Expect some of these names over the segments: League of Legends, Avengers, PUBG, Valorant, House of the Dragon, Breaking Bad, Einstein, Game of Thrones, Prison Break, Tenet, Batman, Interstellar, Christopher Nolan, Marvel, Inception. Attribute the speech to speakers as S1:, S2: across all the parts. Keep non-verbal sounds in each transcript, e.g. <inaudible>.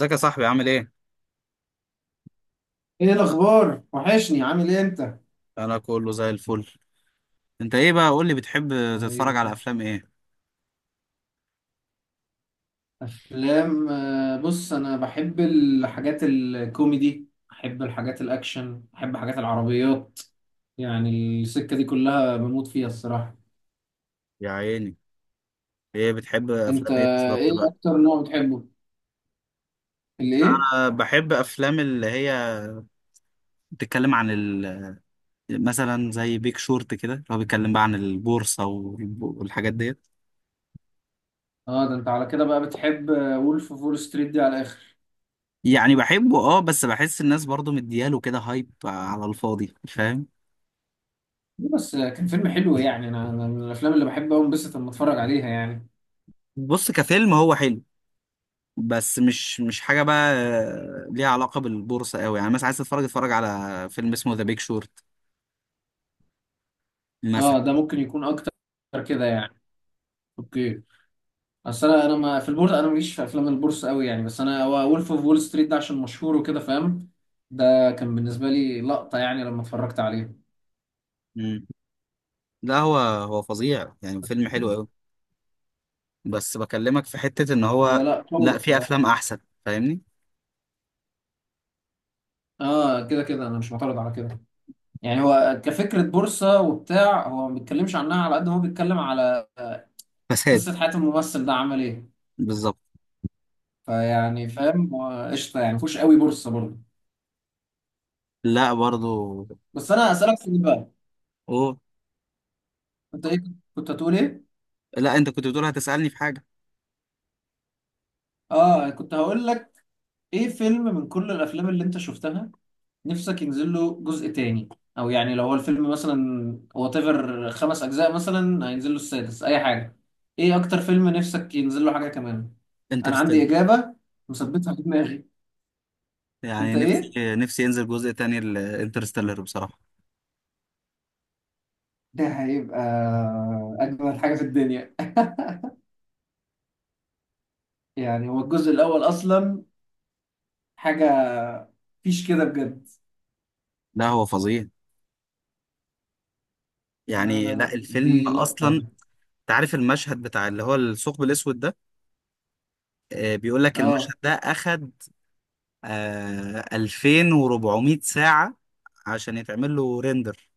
S1: ازيك يا صاحبي، عامل ايه؟
S2: ايه الاخبار؟ وحشني، عامل ايه انت؟
S1: انا كله زي الفل. انت ايه بقى، قول لي، بتحب تتفرج على
S2: طيب.
S1: افلام ايه؟
S2: افلام. بص، انا بحب الحاجات الكوميدي، بحب الحاجات الاكشن، بحب حاجات العربيات. يعني السكة دي كلها بموت فيها الصراحة.
S1: يا عيني. ايه بتحب،
S2: انت
S1: افلام ايه بالظبط
S2: ايه
S1: بقى؟
S2: اكتر نوع بتحبه؟
S1: لا،
S2: الايه؟
S1: انا بحب افلام اللي هي بتتكلم عن مثلا زي بيك شورت كده، اللي هو بيتكلم بقى عن البورصة والحاجات ديت.
S2: اه، ده انت على كده بقى بتحب وولف فول ستريت دي على الاخر.
S1: يعني بحبه اه، بس بحس الناس برضو مدياله كده، هايب على الفاضي، فاهم؟
S2: ليه بس؟ كان فيلم حلو يعني، أنا من الافلام اللي بحب أوي انبسط لما اتفرج عليها يعني.
S1: بص، كفيلم هو حلو، بس مش حاجة بقى ليها علاقة بالبورصة قوي. يعني مثلا عايز تتفرج، اتفرج على فيلم اسمه ذا بيك شورت مثلا.
S2: اه، ده ممكن يكون اكتر كده يعني. اوكي. اصل انا ما في البورصه، انا ماليش في افلام البورصه قوي يعني، بس انا هو وولف اوف وول ستريت ده عشان مشهور وكده فاهم. ده كان بالنسبه لي لقطه يعني لما اتفرجت عليه.
S1: مم. لا، هو فظيع، يعني فيلم حلو قوي. بس بكلمك في حتة ان
S2: هو
S1: هو.
S2: لا قوي
S1: لا، في
S2: الصراحه.
S1: افلام احسن، فاهمني؟
S2: اه، كده كده انا مش معترض على كده. يعني هو كفكره بورصه وبتاع، هو ما بيتكلمش عنها على قد ما هو بيتكلم على
S1: فساد.
S2: قصه حياه الممثل ده عمل ايه.
S1: بالظبط.
S2: فيعني فاهم، هو قشطه يعني، مفهوش قوي بورصه برضه.
S1: لا برضو.
S2: بس انا اسالك سؤال بقى.
S1: اوه.
S2: انت ايه كنت هتقول ايه؟
S1: لا، انت كنت بتقول هتسألني في حاجة.
S2: اه، كنت هقول لك، ايه فيلم من كل الافلام اللي انت شفتها نفسك ينزل له جزء تاني؟ او يعني لو هو الفيلم مثلا وات ايفر 5 اجزاء، مثلا هينزل له السادس، اي حاجه، ايه اكتر فيلم نفسك ينزل له حاجه كمان؟ انا عندي
S1: انترستيلر.
S2: اجابه مثبتها في دماغي. انت
S1: يعني
S2: ايه؟
S1: نفسي ينزل جزء تاني لانترستيلر بصراحة.
S2: ده هيبقى اجمل حاجه في الدنيا. <laughs> يعني هو الجزء الاول اصلا حاجه، مفيش كده بجد.
S1: لا هو فظيع،
S2: لا لا
S1: يعني لا
S2: لا،
S1: الفيلم
S2: دي لقطه
S1: اصلا.
S2: يعني.
S1: تعرف المشهد بتاع اللي هو الثقب الاسود ده، بيقول لك المشهد
S2: اه.
S1: ده اخد 2400 ساعة عشان يتعمل له ريندر.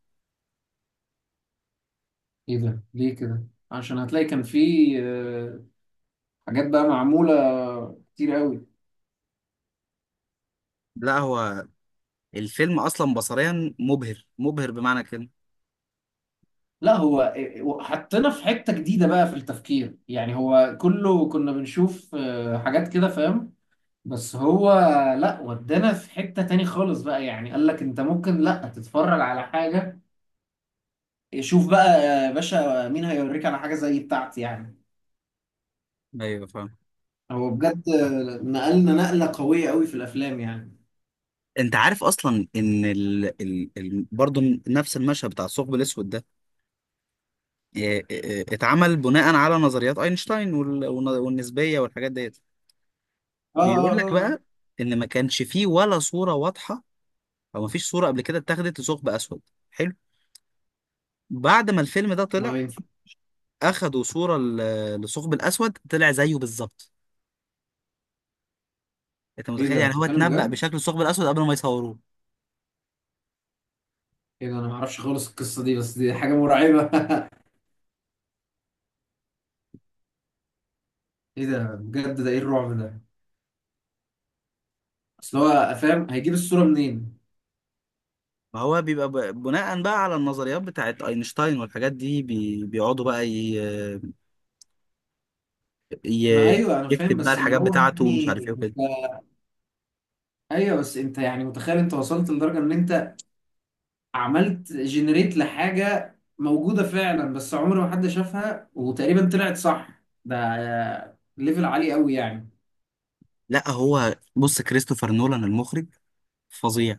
S2: ايه ده ليه كده؟ عشان هتلاقي كان في آه، حاجات بقى معموله كتير قوي.
S1: لا، هو الفيلم اصلا بصريا مبهر مبهر، بمعنى كده.
S2: لا، هو حطينا في حتة جديدة بقى في التفكير، يعني هو كله كنا بنشوف حاجات كده فاهم. بس هو لا، ودانا في حتة تاني خالص بقى، يعني قال لك انت ممكن لا تتفرج على حاجة. شوف بقى يا باشا مين هيوريك على حاجة زي بتاعتي يعني.
S1: ايوه فاهم.
S2: هو بجد نقلنا نقلة قوية قوي في الافلام يعني.
S1: انت عارف اصلا ان برضه نفس المشهد بتاع الثقب الاسود ده اتعمل بناء على نظريات اينشتاين والنسبيه والحاجات ديت.
S2: اه، اه،
S1: بيقول لك
S2: اه، آه.
S1: بقى ان ما كانش فيه ولا صوره واضحه، او ما فيش صوره قبل كده اتاخدت لثقب اسود. حلو. بعد ما الفيلم ده
S2: ما هو
S1: طلع،
S2: ينفع.
S1: اخدوا صوره للثقب الاسود، طلع زيه بالظبط. انت
S2: ايه
S1: متخيل؟
S2: ده،
S1: يعني هو
S2: بتتكلم
S1: اتنبأ
S2: بجد؟
S1: بشكل الثقب الاسود قبل ما يصوروه.
S2: ايه ده؟ انا ما اعرفش خالص القصة دي، بس دي حاجة مرعبة. <laughs> ايه ده بجد، ده ايه الرعب ده؟ اصل هو فاهم هيجيب الصورة منين؟
S1: ما هو بيبقى بناء بقى على النظريات بتاعت اينشتاين والحاجات دي، بيقعدوا بقى
S2: ما
S1: ي...
S2: ايوه، انا فاهم
S1: يكتب بقى
S2: بس اللي
S1: الحاجات
S2: هو
S1: بتاعته ومش عارف
S2: يعني
S1: ايه وكده.
S2: انت. ايوه بس انت يعني متخيل انت وصلت لدرجة ان انت عملت جنريت لحاجة موجودة فعلا، بس عمر ما حد شافها وتقريبا طلعت صح، ده ليفل عالي قوي يعني.
S1: لا هو بص، كريستوفر نولان المخرج فظيع،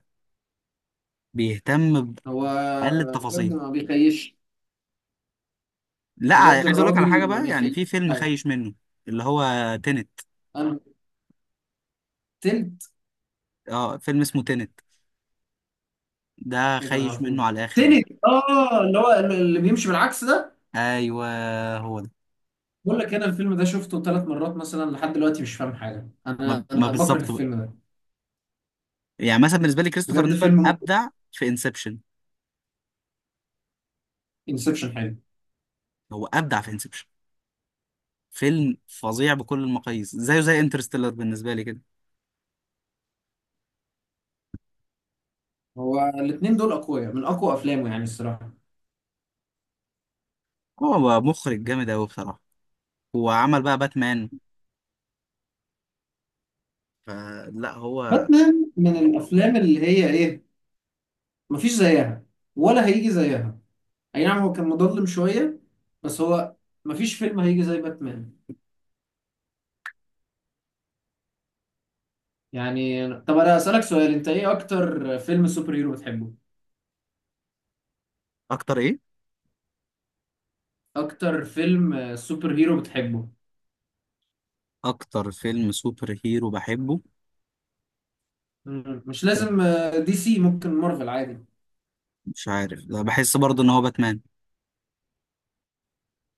S1: بيهتم
S2: هو
S1: بأقل
S2: بجد
S1: التفاصيل.
S2: ما بيخيش.
S1: لا،
S2: بجد
S1: عايز اقول لك على حاجة
S2: الراجل ما
S1: بقى، يعني
S2: بيخيش.
S1: في فيلم
S2: لا.
S1: خايش منه، اللي هو تينت.
S2: انا تلت.
S1: اه، فيلم اسمه تينت، ده
S2: ايه ده، ما
S1: خايش منه على
S2: اعرفوش؟
S1: الاخر يعني.
S2: تنت، اه، اللي هو اللي بيمشي بالعكس ده.
S1: ايوه، هو ده.
S2: بقول لك انا الفيلم ده شفته 3 مرات مثلا لحد دلوقتي، مش فاهم حاجه،
S1: ما,
S2: انا
S1: ما
S2: انا بكره
S1: بالظبط بقى.
S2: الفيلم ده.
S1: يعني مثلا بالنسبة لي كريستوفر
S2: بجد
S1: نولان
S2: فيلم
S1: ابدع في انسبشن.
S2: انسبشن حلو.
S1: هو ابدع في انسبشن، فيلم فظيع بكل المقاييس، زيه زي انترستيلر بالنسبة لي كده.
S2: هو الاثنين دول اقوياء من اقوى افلامه يعني الصراحه.
S1: هو بقى مخرج جامد أوي بصراحة، وعمل بقى باتمان. فلا هو.
S2: باتمان من الافلام اللي هي ايه، مفيش زيها ولا هيجي زيها. اي نعم، هو كان مظلم شويه بس هو مفيش فيلم هيجي زي باتمان. يعني طب انا اسالك سؤال، انت ايه اكتر فيلم سوبر هيرو بتحبه؟
S1: أكتر إيه؟
S2: اكتر فيلم سوبر هيرو بتحبه؟
S1: أكتر فيلم سوبر هيرو بحبه.
S2: مش لازم دي سي، ممكن مارفل عادي.
S1: مش عارف، لا، بحس برضه إن هو باتمان.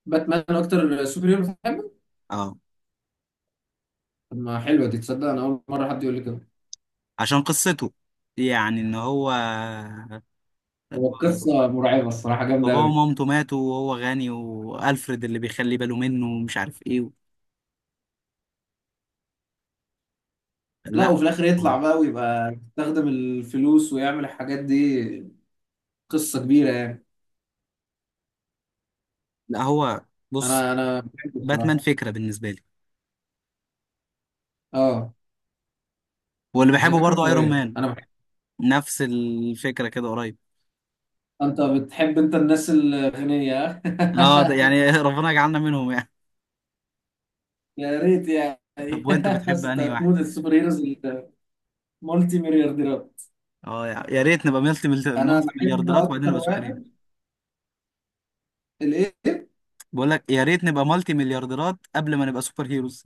S2: باتمان اكتر سوبر هيرو بتحبه؟
S1: أه.
S2: طب ما حلوه، دي تصدق انا اول مره حد يقول لي كده.
S1: عشان قصته، يعني إن هو
S2: هو
S1: ب-
S2: القصه مرعبه الصراحه، جامده
S1: باباه
S2: قوي.
S1: ومامته ماتوا، وهو غني، وألفريد اللي بيخلي باله منه، ومش عارف إيه.
S2: لا،
S1: لا،
S2: وفي الاخر يطلع بقى ويبقى يستخدم الفلوس ويعمل الحاجات دي، قصه كبيره يعني.
S1: لا هو بص،
S2: انا بحبه
S1: باتمان
S2: الصراحه.
S1: فكرة بالنسبة لي،
S2: اه.
S1: واللي
S2: بس هي
S1: بحبه
S2: فكره
S1: برضه أيرون
S2: قويه،
S1: مان،
S2: انا بحب.
S1: نفس الفكرة كده قريب.
S2: انت بتحب انت الناس الغنيه.
S1: اه ده يعني <laughs>
S2: <laughs>
S1: ربنا يجعلنا منهم يعني.
S2: يا ريت
S1: طب
S2: يعني.
S1: وانت
S2: <laughs>
S1: بتحب
S2: بس انت
S1: انهي واحد؟
S2: هتموت السوبر هيروز المالتي مليارديرات.
S1: اه، يا ريت نبقى ملتي
S2: انا
S1: ملتي
S2: بحب
S1: مليارديرات، وبعدين
S2: اكتر
S1: نبقى سوبر هيرو.
S2: واحد الايه.
S1: بقول لك يا ريت نبقى ملتي مليارديرات قبل ما نبقى سوبر هيروز.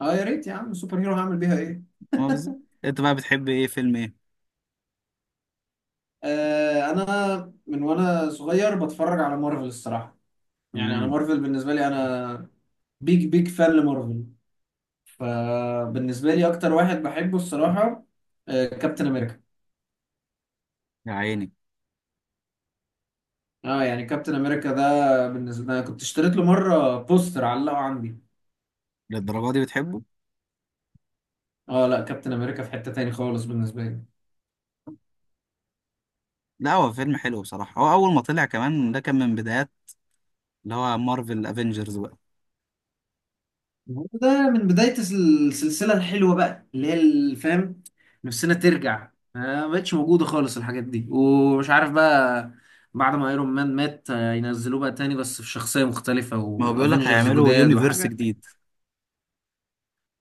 S2: اه يا ريت يا عم، سوبر هيرو هعمل بيها ايه.
S1: <laughs> ما بالظبط. انت بقى بتحب ايه، فيلم ايه؟
S2: انا من وانا صغير بتفرج على مارفل الصراحه. يعني انا
S1: امم.
S2: مارفل بالنسبه لي، انا بيج بيج فان لمارفل. فبالنسبه لي اكتر واحد بحبه الصراحه كابتن امريكا.
S1: يا عيني.
S2: اه، يعني كابتن امريكا ده بالنسبه لي، أنا كنت اشتريت له مره بوستر علقه عندي.
S1: للدرجة دي بتحبه؟
S2: اه لا، كابتن امريكا في حته تاني خالص بالنسبه لي.
S1: لا، هو فيلم حلو بصراحة، هو أول ما طلع كمان ده كان من بدايات اللي هو مارفل افنجرز بقى.
S2: هو ده من بداية السلسلة الحلوة بقى اللي هي الفهم. نفسنا ترجع، ما بقتش موجودة خالص الحاجات دي ومش عارف بقى. بعد ما ايرون مان مات ينزلوه بقى تاني بس في شخصية مختلفة
S1: ما هو بيقول لك
S2: وافنجرز
S1: هيعملوا
S2: جداد
S1: يونيفرس
S2: وحاجة.
S1: جديد.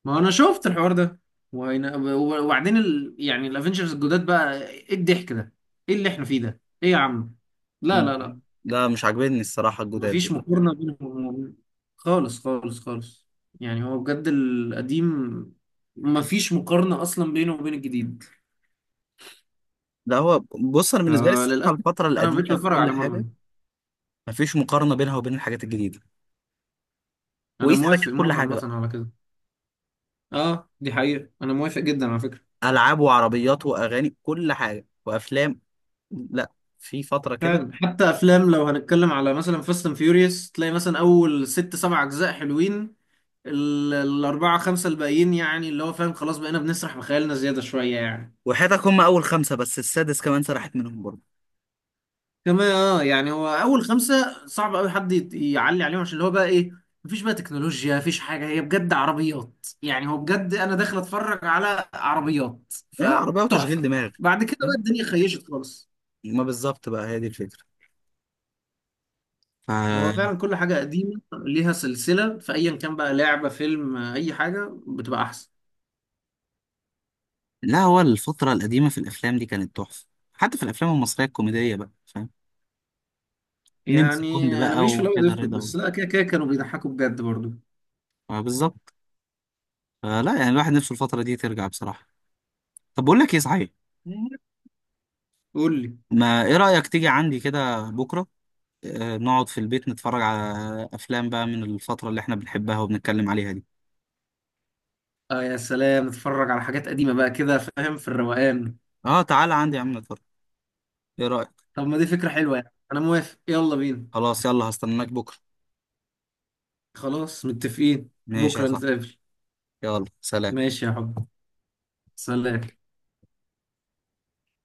S2: ما انا شفت الحوار ده. وبعدين يعني الافنجرز الجداد بقى ايه الضحك ده؟ ايه اللي احنا فيه ده؟ ايه يا عم؟ لا
S1: مم.
S2: لا لا،
S1: لا، مش عاجبني الصراحة الجداد.
S2: مفيش مقارنة بينهم خالص خالص خالص. يعني هو بجد القديم مفيش مقارنة أصلا بينه وبين الجديد.
S1: لا هو بص، انا بالنسبه لي الصراحه
S2: فللأسف
S1: الفتره
S2: أنا مبقتش
S1: القديمه في
S2: بتفرج
S1: كل
S2: على مارفل.
S1: حاجه، مفيش مقارنه بينها وبين الحاجات الجديده،
S2: أنا
S1: وقيس على
S2: موافق
S1: كده كل
S2: موت
S1: حاجه
S2: عامة
S1: بقى،
S2: على كده. أه، دي حقيقة، أنا موافق جدا على فكرة.
S1: العاب وعربيات واغاني كل حاجه وافلام. لا، في فتره كده.
S2: فعلا حتى أفلام، لو هنتكلم على مثلا فاست أند فيوريوس، تلاقي مثلا أول ست سبع أجزاء حلوين. الأربعة خمسة الباقيين يعني اللي هو فاهم، خلاص بقينا بنسرح بخيالنا زيادة شوية يعني.
S1: وحياتك هم اول خمسه، بس السادس كمان سرحت منهم برضه.
S2: كمان اه يعني هو اول 5 صعب قوي حد يعلي عليهم، عشان اللي هو بقى ايه، مفيش بقى تكنولوجيا، مفيش حاجه، هي بجد عربيات يعني، هو بجد انا داخل اتفرج على عربيات
S1: لا، عربيه وتشغيل
S2: فتحفه.
S1: دماغ.
S2: بعد كده بقى
S1: فاهم.
S2: الدنيا خيشت خالص.
S1: ما بالظبط بقى، هي دي الفكره.
S2: هو
S1: ف
S2: فعلا كل حاجه قديمه ليها سلسله، في ايا كان بقى لعبه، فيلم، اي حاجه بتبقى احسن.
S1: لا هو الفتره القديمه في الافلام دي كانت تحفه، حتى في الافلام المصريه الكوميديه بقى، فاهم؟ نمسي كوند
S2: يعني انا
S1: بقى
S2: ماليش في الابيض
S1: وكده،
S2: والاسود،
S1: رضا و...
S2: بس لا، كده كده كانوا بيضحكوا بجد برضو.
S1: آه، بالظبط. فلا يعني الواحد نفسه الفتره دي ترجع بصراحه. طب بقول لك ايه صحيح،
S2: قول لي.
S1: ما ايه رأيك تيجي عندي كده بكرة، نقعد في البيت نتفرج على افلام بقى من الفترة اللي احنا بنحبها وبنتكلم عليها دي؟
S2: اه يا سلام، اتفرج على حاجات قديمه بقى كده فاهم، في الروقان.
S1: اه، تعالى عندي يا عم نتفرج، ايه رأيك؟
S2: طب ما دي فكرة حلوة، يعني أنا موافق، يلا بينا.
S1: خلاص يلا، هستناك بكرة.
S2: خلاص متفقين.
S1: ماشي يا
S2: بكرة
S1: صاحبي.
S2: نتقابل.
S1: يلا سلام.
S2: ماشي يا حب، سلام.